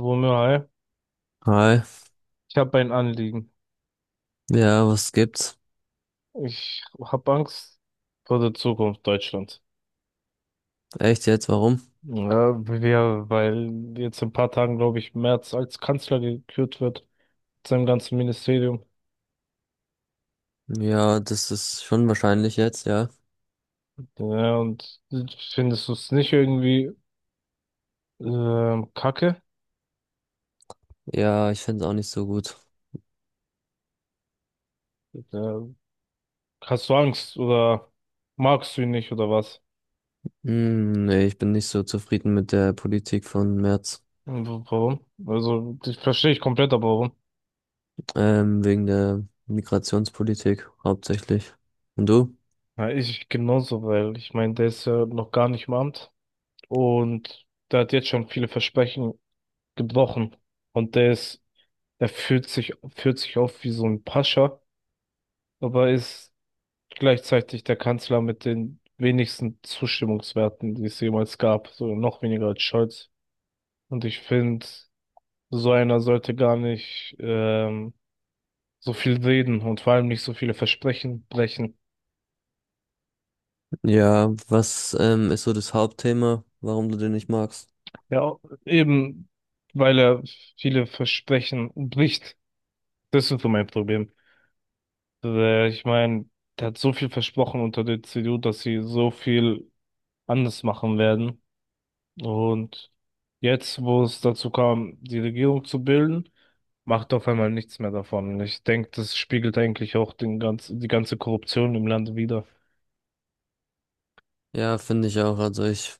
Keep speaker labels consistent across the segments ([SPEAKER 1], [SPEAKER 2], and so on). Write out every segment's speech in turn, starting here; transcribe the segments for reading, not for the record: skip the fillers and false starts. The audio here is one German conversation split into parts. [SPEAKER 1] Wumme, hi.
[SPEAKER 2] Hi.
[SPEAKER 1] Ich habe ein Anliegen.
[SPEAKER 2] Ja, was gibt's?
[SPEAKER 1] Ich habe Angst vor der Zukunft Deutschlands.
[SPEAKER 2] Echt jetzt? Warum?
[SPEAKER 1] Ja, weil jetzt in ein paar Tagen, glaube ich, Merz als Kanzler gekürt wird, mit seinem ganzen Ministerium.
[SPEAKER 2] Ja, das ist schon wahrscheinlich jetzt, ja.
[SPEAKER 1] Ja, und findest du es nicht irgendwie kacke?
[SPEAKER 2] Ja, ich find's auch nicht so gut.
[SPEAKER 1] Ja, hast du Angst oder magst du ihn nicht oder was?
[SPEAKER 2] Hm, nee, ich bin nicht so zufrieden mit der Politik von Merz.
[SPEAKER 1] Warum? Also, das verstehe ich komplett, aber warum?
[SPEAKER 2] Wegen der Migrationspolitik hauptsächlich. Und du?
[SPEAKER 1] Ja, ich genauso, weil ich meine, der ist ja noch gar nicht im Amt. Und der hat jetzt schon viele Versprechen gebrochen. Und der führt sich auf wie so ein Pascha, aber ist gleichzeitig der Kanzler mit den wenigsten Zustimmungswerten, die es jemals gab. So noch weniger als Scholz. Und ich finde, so einer sollte gar nicht so viel reden und vor allem nicht so viele Versprechen brechen.
[SPEAKER 2] Ja, was ist so das Hauptthema, warum du den nicht magst?
[SPEAKER 1] Ja, eben weil er viele Versprechen bricht. Das ist so mein Problem. Ich meine, der hat so viel versprochen unter der CDU, dass sie so viel anders machen werden. Und jetzt, wo es dazu kam, die Regierung zu bilden, macht auf einmal nichts mehr davon. Und ich denke, das spiegelt eigentlich auch die ganze Korruption im Land wider.
[SPEAKER 2] Ja, finde ich auch. Also ich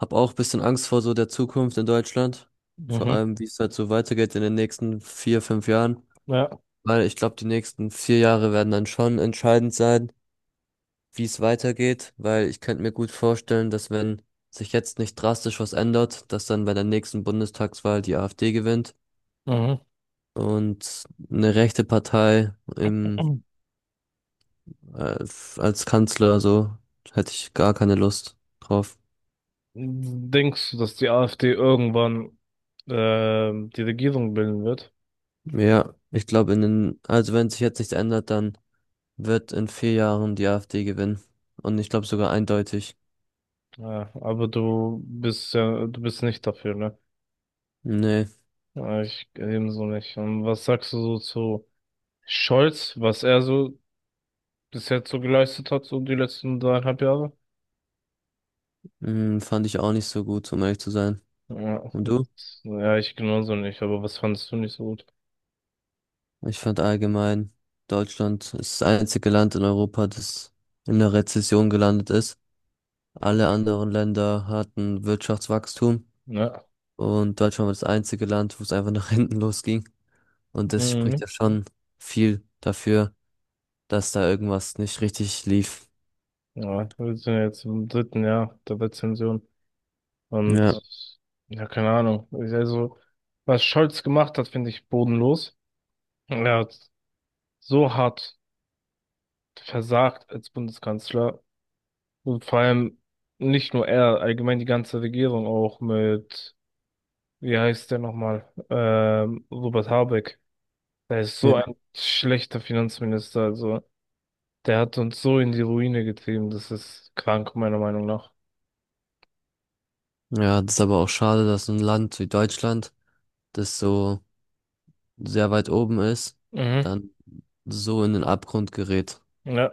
[SPEAKER 2] habe auch bisschen Angst vor so der Zukunft in Deutschland. Vor
[SPEAKER 1] Mhm.
[SPEAKER 2] allem, wie es halt so weitergeht in den nächsten 4, 5 Jahren.
[SPEAKER 1] Ja.
[SPEAKER 2] Weil ich glaube, die nächsten 4 Jahre werden dann schon entscheidend sein, wie es weitergeht, weil ich könnte mir gut vorstellen, dass wenn sich jetzt nicht drastisch was ändert, dass dann bei der nächsten Bundestagswahl die AfD gewinnt
[SPEAKER 1] Mhm.
[SPEAKER 2] und eine rechte Partei im, als Kanzler, so hätte ich gar keine Lust drauf.
[SPEAKER 1] Denkst du, dass die AfD irgendwann die Regierung bilden wird?
[SPEAKER 2] Ja, ich glaube, in den, also wenn sich jetzt nichts ändert, dann wird in 4 Jahren die AfD gewinnen. Und ich glaube sogar eindeutig.
[SPEAKER 1] Ja, aber du bist nicht dafür, ne?
[SPEAKER 2] Nee,
[SPEAKER 1] Ja, ich ebenso nicht. Und was sagst du so zu Scholz, was er so bis jetzt so geleistet hat, so die letzten 3,5 Jahre?
[SPEAKER 2] mm, fand ich auch nicht so gut, um ehrlich zu sein.
[SPEAKER 1] Ja,
[SPEAKER 2] Und du?
[SPEAKER 1] ja, ich genauso nicht, aber was fandest du nicht so gut?
[SPEAKER 2] Ich fand allgemein, Deutschland ist das einzige Land in Europa, das in einer Rezession gelandet ist. Alle anderen Länder hatten Wirtschaftswachstum
[SPEAKER 1] Ja,
[SPEAKER 2] und Deutschland war das einzige Land, wo es einfach nach hinten losging. Und das spricht
[SPEAKER 1] mhm.
[SPEAKER 2] ja schon viel dafür, dass da irgendwas nicht richtig lief.
[SPEAKER 1] Ja, wir sind ja jetzt im dritten Jahr der Rezension
[SPEAKER 2] Ja,
[SPEAKER 1] und ja, keine Ahnung. Also, was Scholz gemacht hat, finde ich bodenlos. Er hat so hart versagt als Bundeskanzler. Und vor allem nicht nur er, allgemein die ganze Regierung auch mit, wie heißt der nochmal, Robert Habeck. Der ist so
[SPEAKER 2] ja.
[SPEAKER 1] ein schlechter Finanzminister, also der hat uns so in die Ruine getrieben, das ist krank, meiner Meinung nach.
[SPEAKER 2] Ja, das ist aber auch schade, dass ein Land wie Deutschland, das so sehr weit oben ist,
[SPEAKER 1] Mhm.
[SPEAKER 2] dann so in den Abgrund gerät.
[SPEAKER 1] Ja,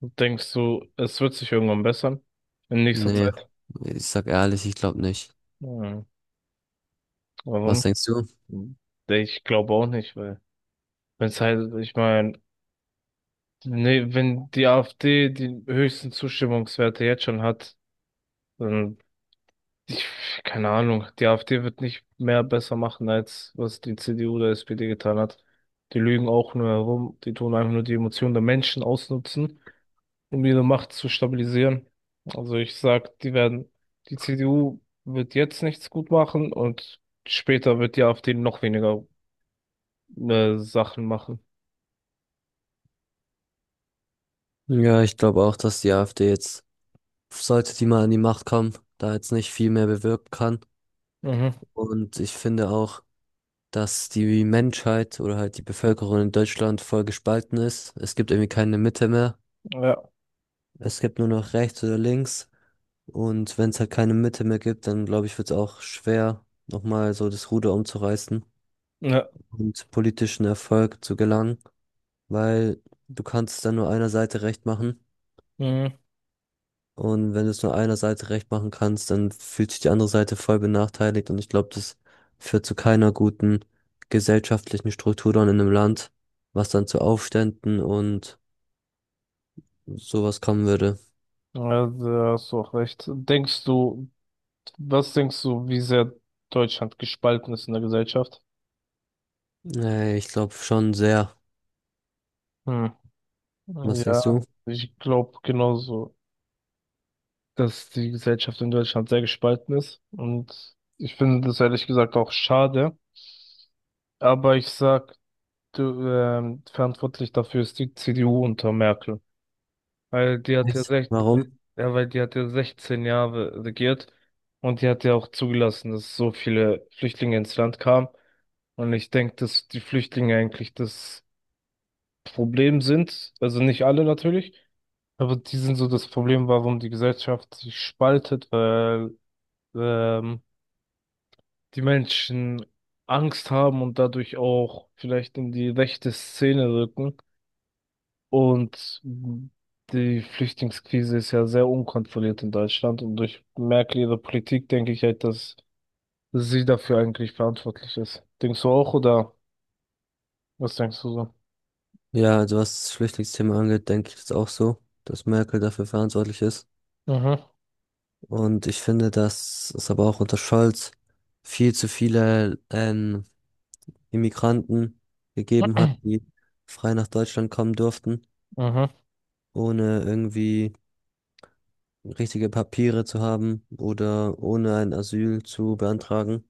[SPEAKER 1] denkst du, es wird sich irgendwann bessern in nächster
[SPEAKER 2] Nee,
[SPEAKER 1] Zeit?
[SPEAKER 2] ich sag ehrlich, ich glaube nicht.
[SPEAKER 1] Hm.
[SPEAKER 2] Was
[SPEAKER 1] Warum?
[SPEAKER 2] denkst du?
[SPEAKER 1] Nee, ich glaube auch nicht, weil wenn es halt, ich meine, nee, wenn die AfD die höchsten Zustimmungswerte jetzt schon hat, dann Ich, keine Ahnung, die AfD wird nicht mehr besser machen, als was die CDU oder SPD getan hat. Die lügen auch nur herum, die tun einfach nur die Emotionen der Menschen ausnutzen, um ihre Macht zu stabilisieren. Also ich sag, die CDU wird jetzt nichts gut machen und später wird die AfD noch weniger Sachen machen.
[SPEAKER 2] Ja, ich glaube auch, dass die AfD jetzt, sollte die mal an die Macht kommen, da jetzt nicht viel mehr bewirken kann.
[SPEAKER 1] Mhm.
[SPEAKER 2] Und ich finde auch, dass die Menschheit oder halt die Bevölkerung in Deutschland voll gespalten ist. Es gibt irgendwie keine Mitte mehr.
[SPEAKER 1] Ja,
[SPEAKER 2] Es gibt nur noch rechts oder links. Und wenn es halt keine Mitte mehr gibt, dann glaube ich, wird es auch schwer, nochmal so das Ruder umzureißen
[SPEAKER 1] ja,
[SPEAKER 2] und politischen Erfolg zu gelangen, weil du kannst dann nur einer Seite recht machen.
[SPEAKER 1] mhm.
[SPEAKER 2] Und wenn du es nur einer Seite recht machen kannst, dann fühlt sich die andere Seite voll benachteiligt. Und ich glaube, das führt zu keiner guten gesellschaftlichen Struktur dann in einem Land, was dann zu Aufständen und sowas kommen würde.
[SPEAKER 1] Ja, da hast du auch recht. Was denkst du, wie sehr Deutschland gespalten ist in der Gesellschaft?
[SPEAKER 2] Nee, ich glaube schon sehr.
[SPEAKER 1] Hm.
[SPEAKER 2] Was denkst du?
[SPEAKER 1] Ja, ich glaube genauso, dass die Gesellschaft in Deutschland sehr gespalten ist. Und ich finde das ehrlich gesagt auch schade. Aber ich sag, du, verantwortlich dafür ist die CDU unter Merkel. Weil die hat ja
[SPEAKER 2] Echt?
[SPEAKER 1] recht,
[SPEAKER 2] Warum?
[SPEAKER 1] ja, weil die hat ja 16 Jahre regiert und die hat ja auch zugelassen, dass so viele Flüchtlinge ins Land kamen. Und ich denke, dass die Flüchtlinge eigentlich das Problem sind. Also nicht alle natürlich. Aber die sind so das Problem, warum die Gesellschaft sich spaltet, weil ähm, die Menschen Angst haben und dadurch auch vielleicht in die rechte Szene rücken. Und die Flüchtlingskrise ist ja sehr unkontrolliert in Deutschland. Und durch Merkel ihre Politik denke ich halt, dass sie dafür eigentlich verantwortlich ist. Denkst du auch oder was denkst du so?
[SPEAKER 2] Ja, also was das Flüchtlingsthema angeht, denke ich das auch so, dass Merkel dafür verantwortlich ist.
[SPEAKER 1] Mhm,
[SPEAKER 2] Und ich finde, dass es aber auch unter Scholz viel zu viele Immigranten gegeben hat, die frei nach Deutschland kommen durften,
[SPEAKER 1] mhm.
[SPEAKER 2] ohne irgendwie richtige Papiere zu haben oder ohne ein Asyl zu beantragen.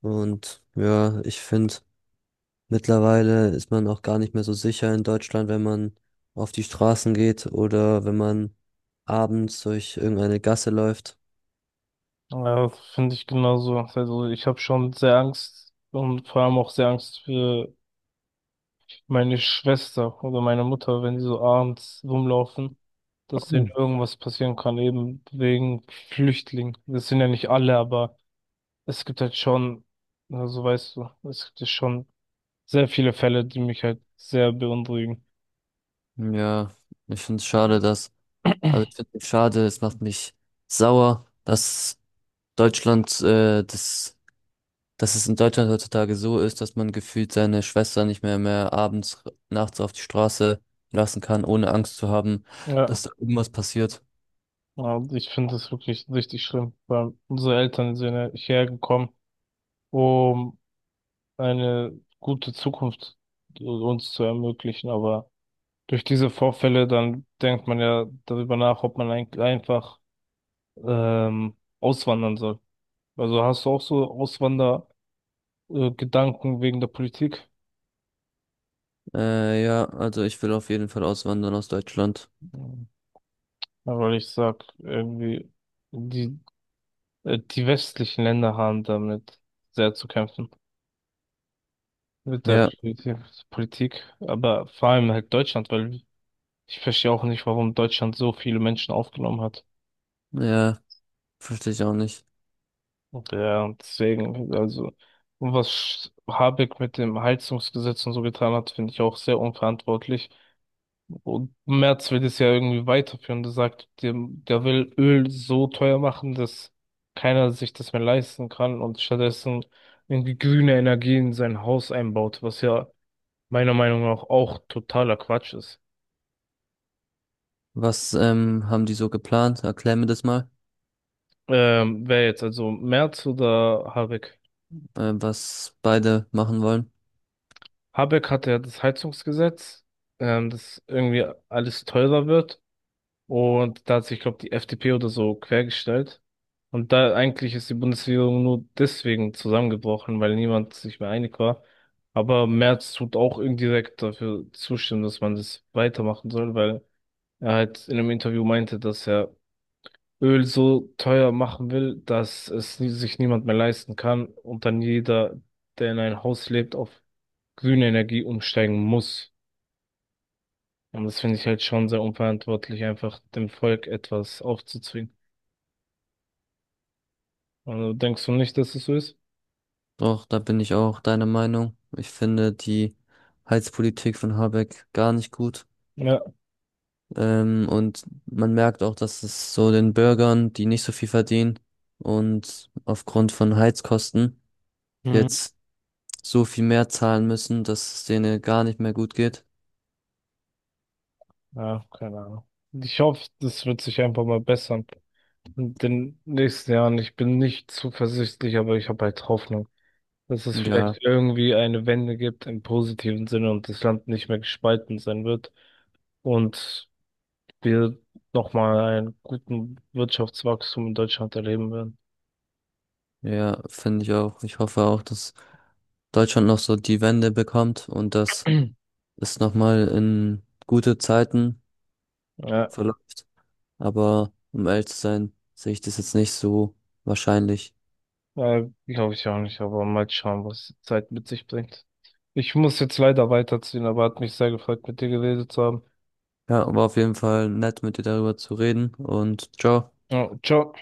[SPEAKER 2] Und ja, ich finde, mittlerweile ist man auch gar nicht mehr so sicher in Deutschland, wenn man auf die Straßen geht oder wenn man abends durch irgendeine Gasse läuft.
[SPEAKER 1] Ja, finde ich genauso. Also ich habe schon sehr Angst und vor allem auch sehr Angst für meine Schwester oder meine Mutter, wenn die so abends rumlaufen, dass denen irgendwas passieren kann, eben wegen Flüchtlingen. Das sind ja nicht alle, aber es gibt halt schon, also weißt du, es gibt ja schon sehr viele Fälle, die mich halt sehr beunruhigen.
[SPEAKER 2] Ja, ich finde es schade, dass, also ich finde es schade, es macht mich sauer, dass Deutschland das dass es in Deutschland heutzutage so ist, dass man gefühlt seine Schwester nicht mehr abends, nachts auf die Straße lassen kann, ohne Angst zu haben,
[SPEAKER 1] Ja,
[SPEAKER 2] dass da irgendwas passiert.
[SPEAKER 1] und ich finde das wirklich richtig schlimm, weil unsere Eltern sind ja hierher gekommen, um eine gute Zukunft uns zu ermöglichen. Aber durch diese Vorfälle, dann denkt man ja darüber nach, ob man einfach auswandern soll. Also hast du auch so Auswander-Gedanken wegen der Politik?
[SPEAKER 2] Ja, also ich will auf jeden Fall auswandern aus Deutschland.
[SPEAKER 1] Mhm. Ja, weil ich sag, irgendwie, die, die westlichen Länder haben damit sehr zu kämpfen. Mit der
[SPEAKER 2] Ja,
[SPEAKER 1] Politik, Politik. Aber vor allem halt Deutschland, weil ich verstehe auch nicht, warum Deutschland so viele Menschen aufgenommen hat.
[SPEAKER 2] ja, verstehe ich auch nicht.
[SPEAKER 1] Ja, und deswegen, also, was Habeck mit dem Heizungsgesetz und so getan hat, finde ich auch sehr unverantwortlich. Und Merz will das ja irgendwie weiterführen. Der sagt, der will Öl so teuer machen, dass keiner sich das mehr leisten kann und stattdessen irgendwie grüne Energie in sein Haus einbaut, was ja meiner Meinung nach auch totaler Quatsch ist.
[SPEAKER 2] Was haben die so geplant? Erklär mir das mal,
[SPEAKER 1] Wer jetzt, also Merz oder Habeck?
[SPEAKER 2] was beide machen wollen.
[SPEAKER 1] Habeck hatte ja das Heizungsgesetz, dass irgendwie alles teurer wird. Und da hat sich, glaube ich, die FDP oder so quergestellt. Und da eigentlich ist die Bundesregierung nur deswegen zusammengebrochen, weil niemand sich mehr einig war. Aber Merz tut auch indirekt dafür zustimmen, dass man das weitermachen soll, weil er halt in einem Interview meinte, dass er Öl so teuer machen will, dass es sich niemand mehr leisten kann und dann jeder, der in ein Haus lebt, auf grüne Energie umsteigen muss. Und das finde ich halt schon sehr unverantwortlich, einfach dem Volk etwas aufzuzwingen. Also denkst du nicht, dass es so ist?
[SPEAKER 2] Doch, da bin ich auch deiner Meinung. Ich finde die Heizpolitik von Habeck gar nicht gut.
[SPEAKER 1] Ja.
[SPEAKER 2] Und man merkt auch, dass es so den Bürgern, die nicht so viel verdienen und aufgrund von Heizkosten
[SPEAKER 1] Mhm.
[SPEAKER 2] jetzt so viel mehr zahlen müssen, dass es denen gar nicht mehr gut geht.
[SPEAKER 1] Ja, keine Ahnung. Ich hoffe, das wird sich einfach mal bessern in den nächsten Jahren. Ich bin nicht zuversichtlich, aber ich habe halt Hoffnung, dass es
[SPEAKER 2] Ja,
[SPEAKER 1] vielleicht irgendwie eine Wende gibt im positiven Sinne und das Land nicht mehr gespalten sein wird und wir nochmal einen guten Wirtschaftswachstum in Deutschland erleben
[SPEAKER 2] ja, finde ich auch. Ich hoffe auch, dass Deutschland noch so die Wende bekommt und dass
[SPEAKER 1] werden.
[SPEAKER 2] es nochmal in gute Zeiten
[SPEAKER 1] Ja.
[SPEAKER 2] verläuft. Aber um ehrlich zu sein, sehe ich das jetzt nicht so wahrscheinlich.
[SPEAKER 1] Glaube ich auch nicht, aber mal schauen, was die Zeit mit sich bringt. Ich muss jetzt leider weiterziehen, aber hat mich sehr gefreut, mit dir geredet zu haben.
[SPEAKER 2] Ja, war auf jeden Fall nett, mit dir darüber zu reden und ciao.
[SPEAKER 1] Ja, ciao.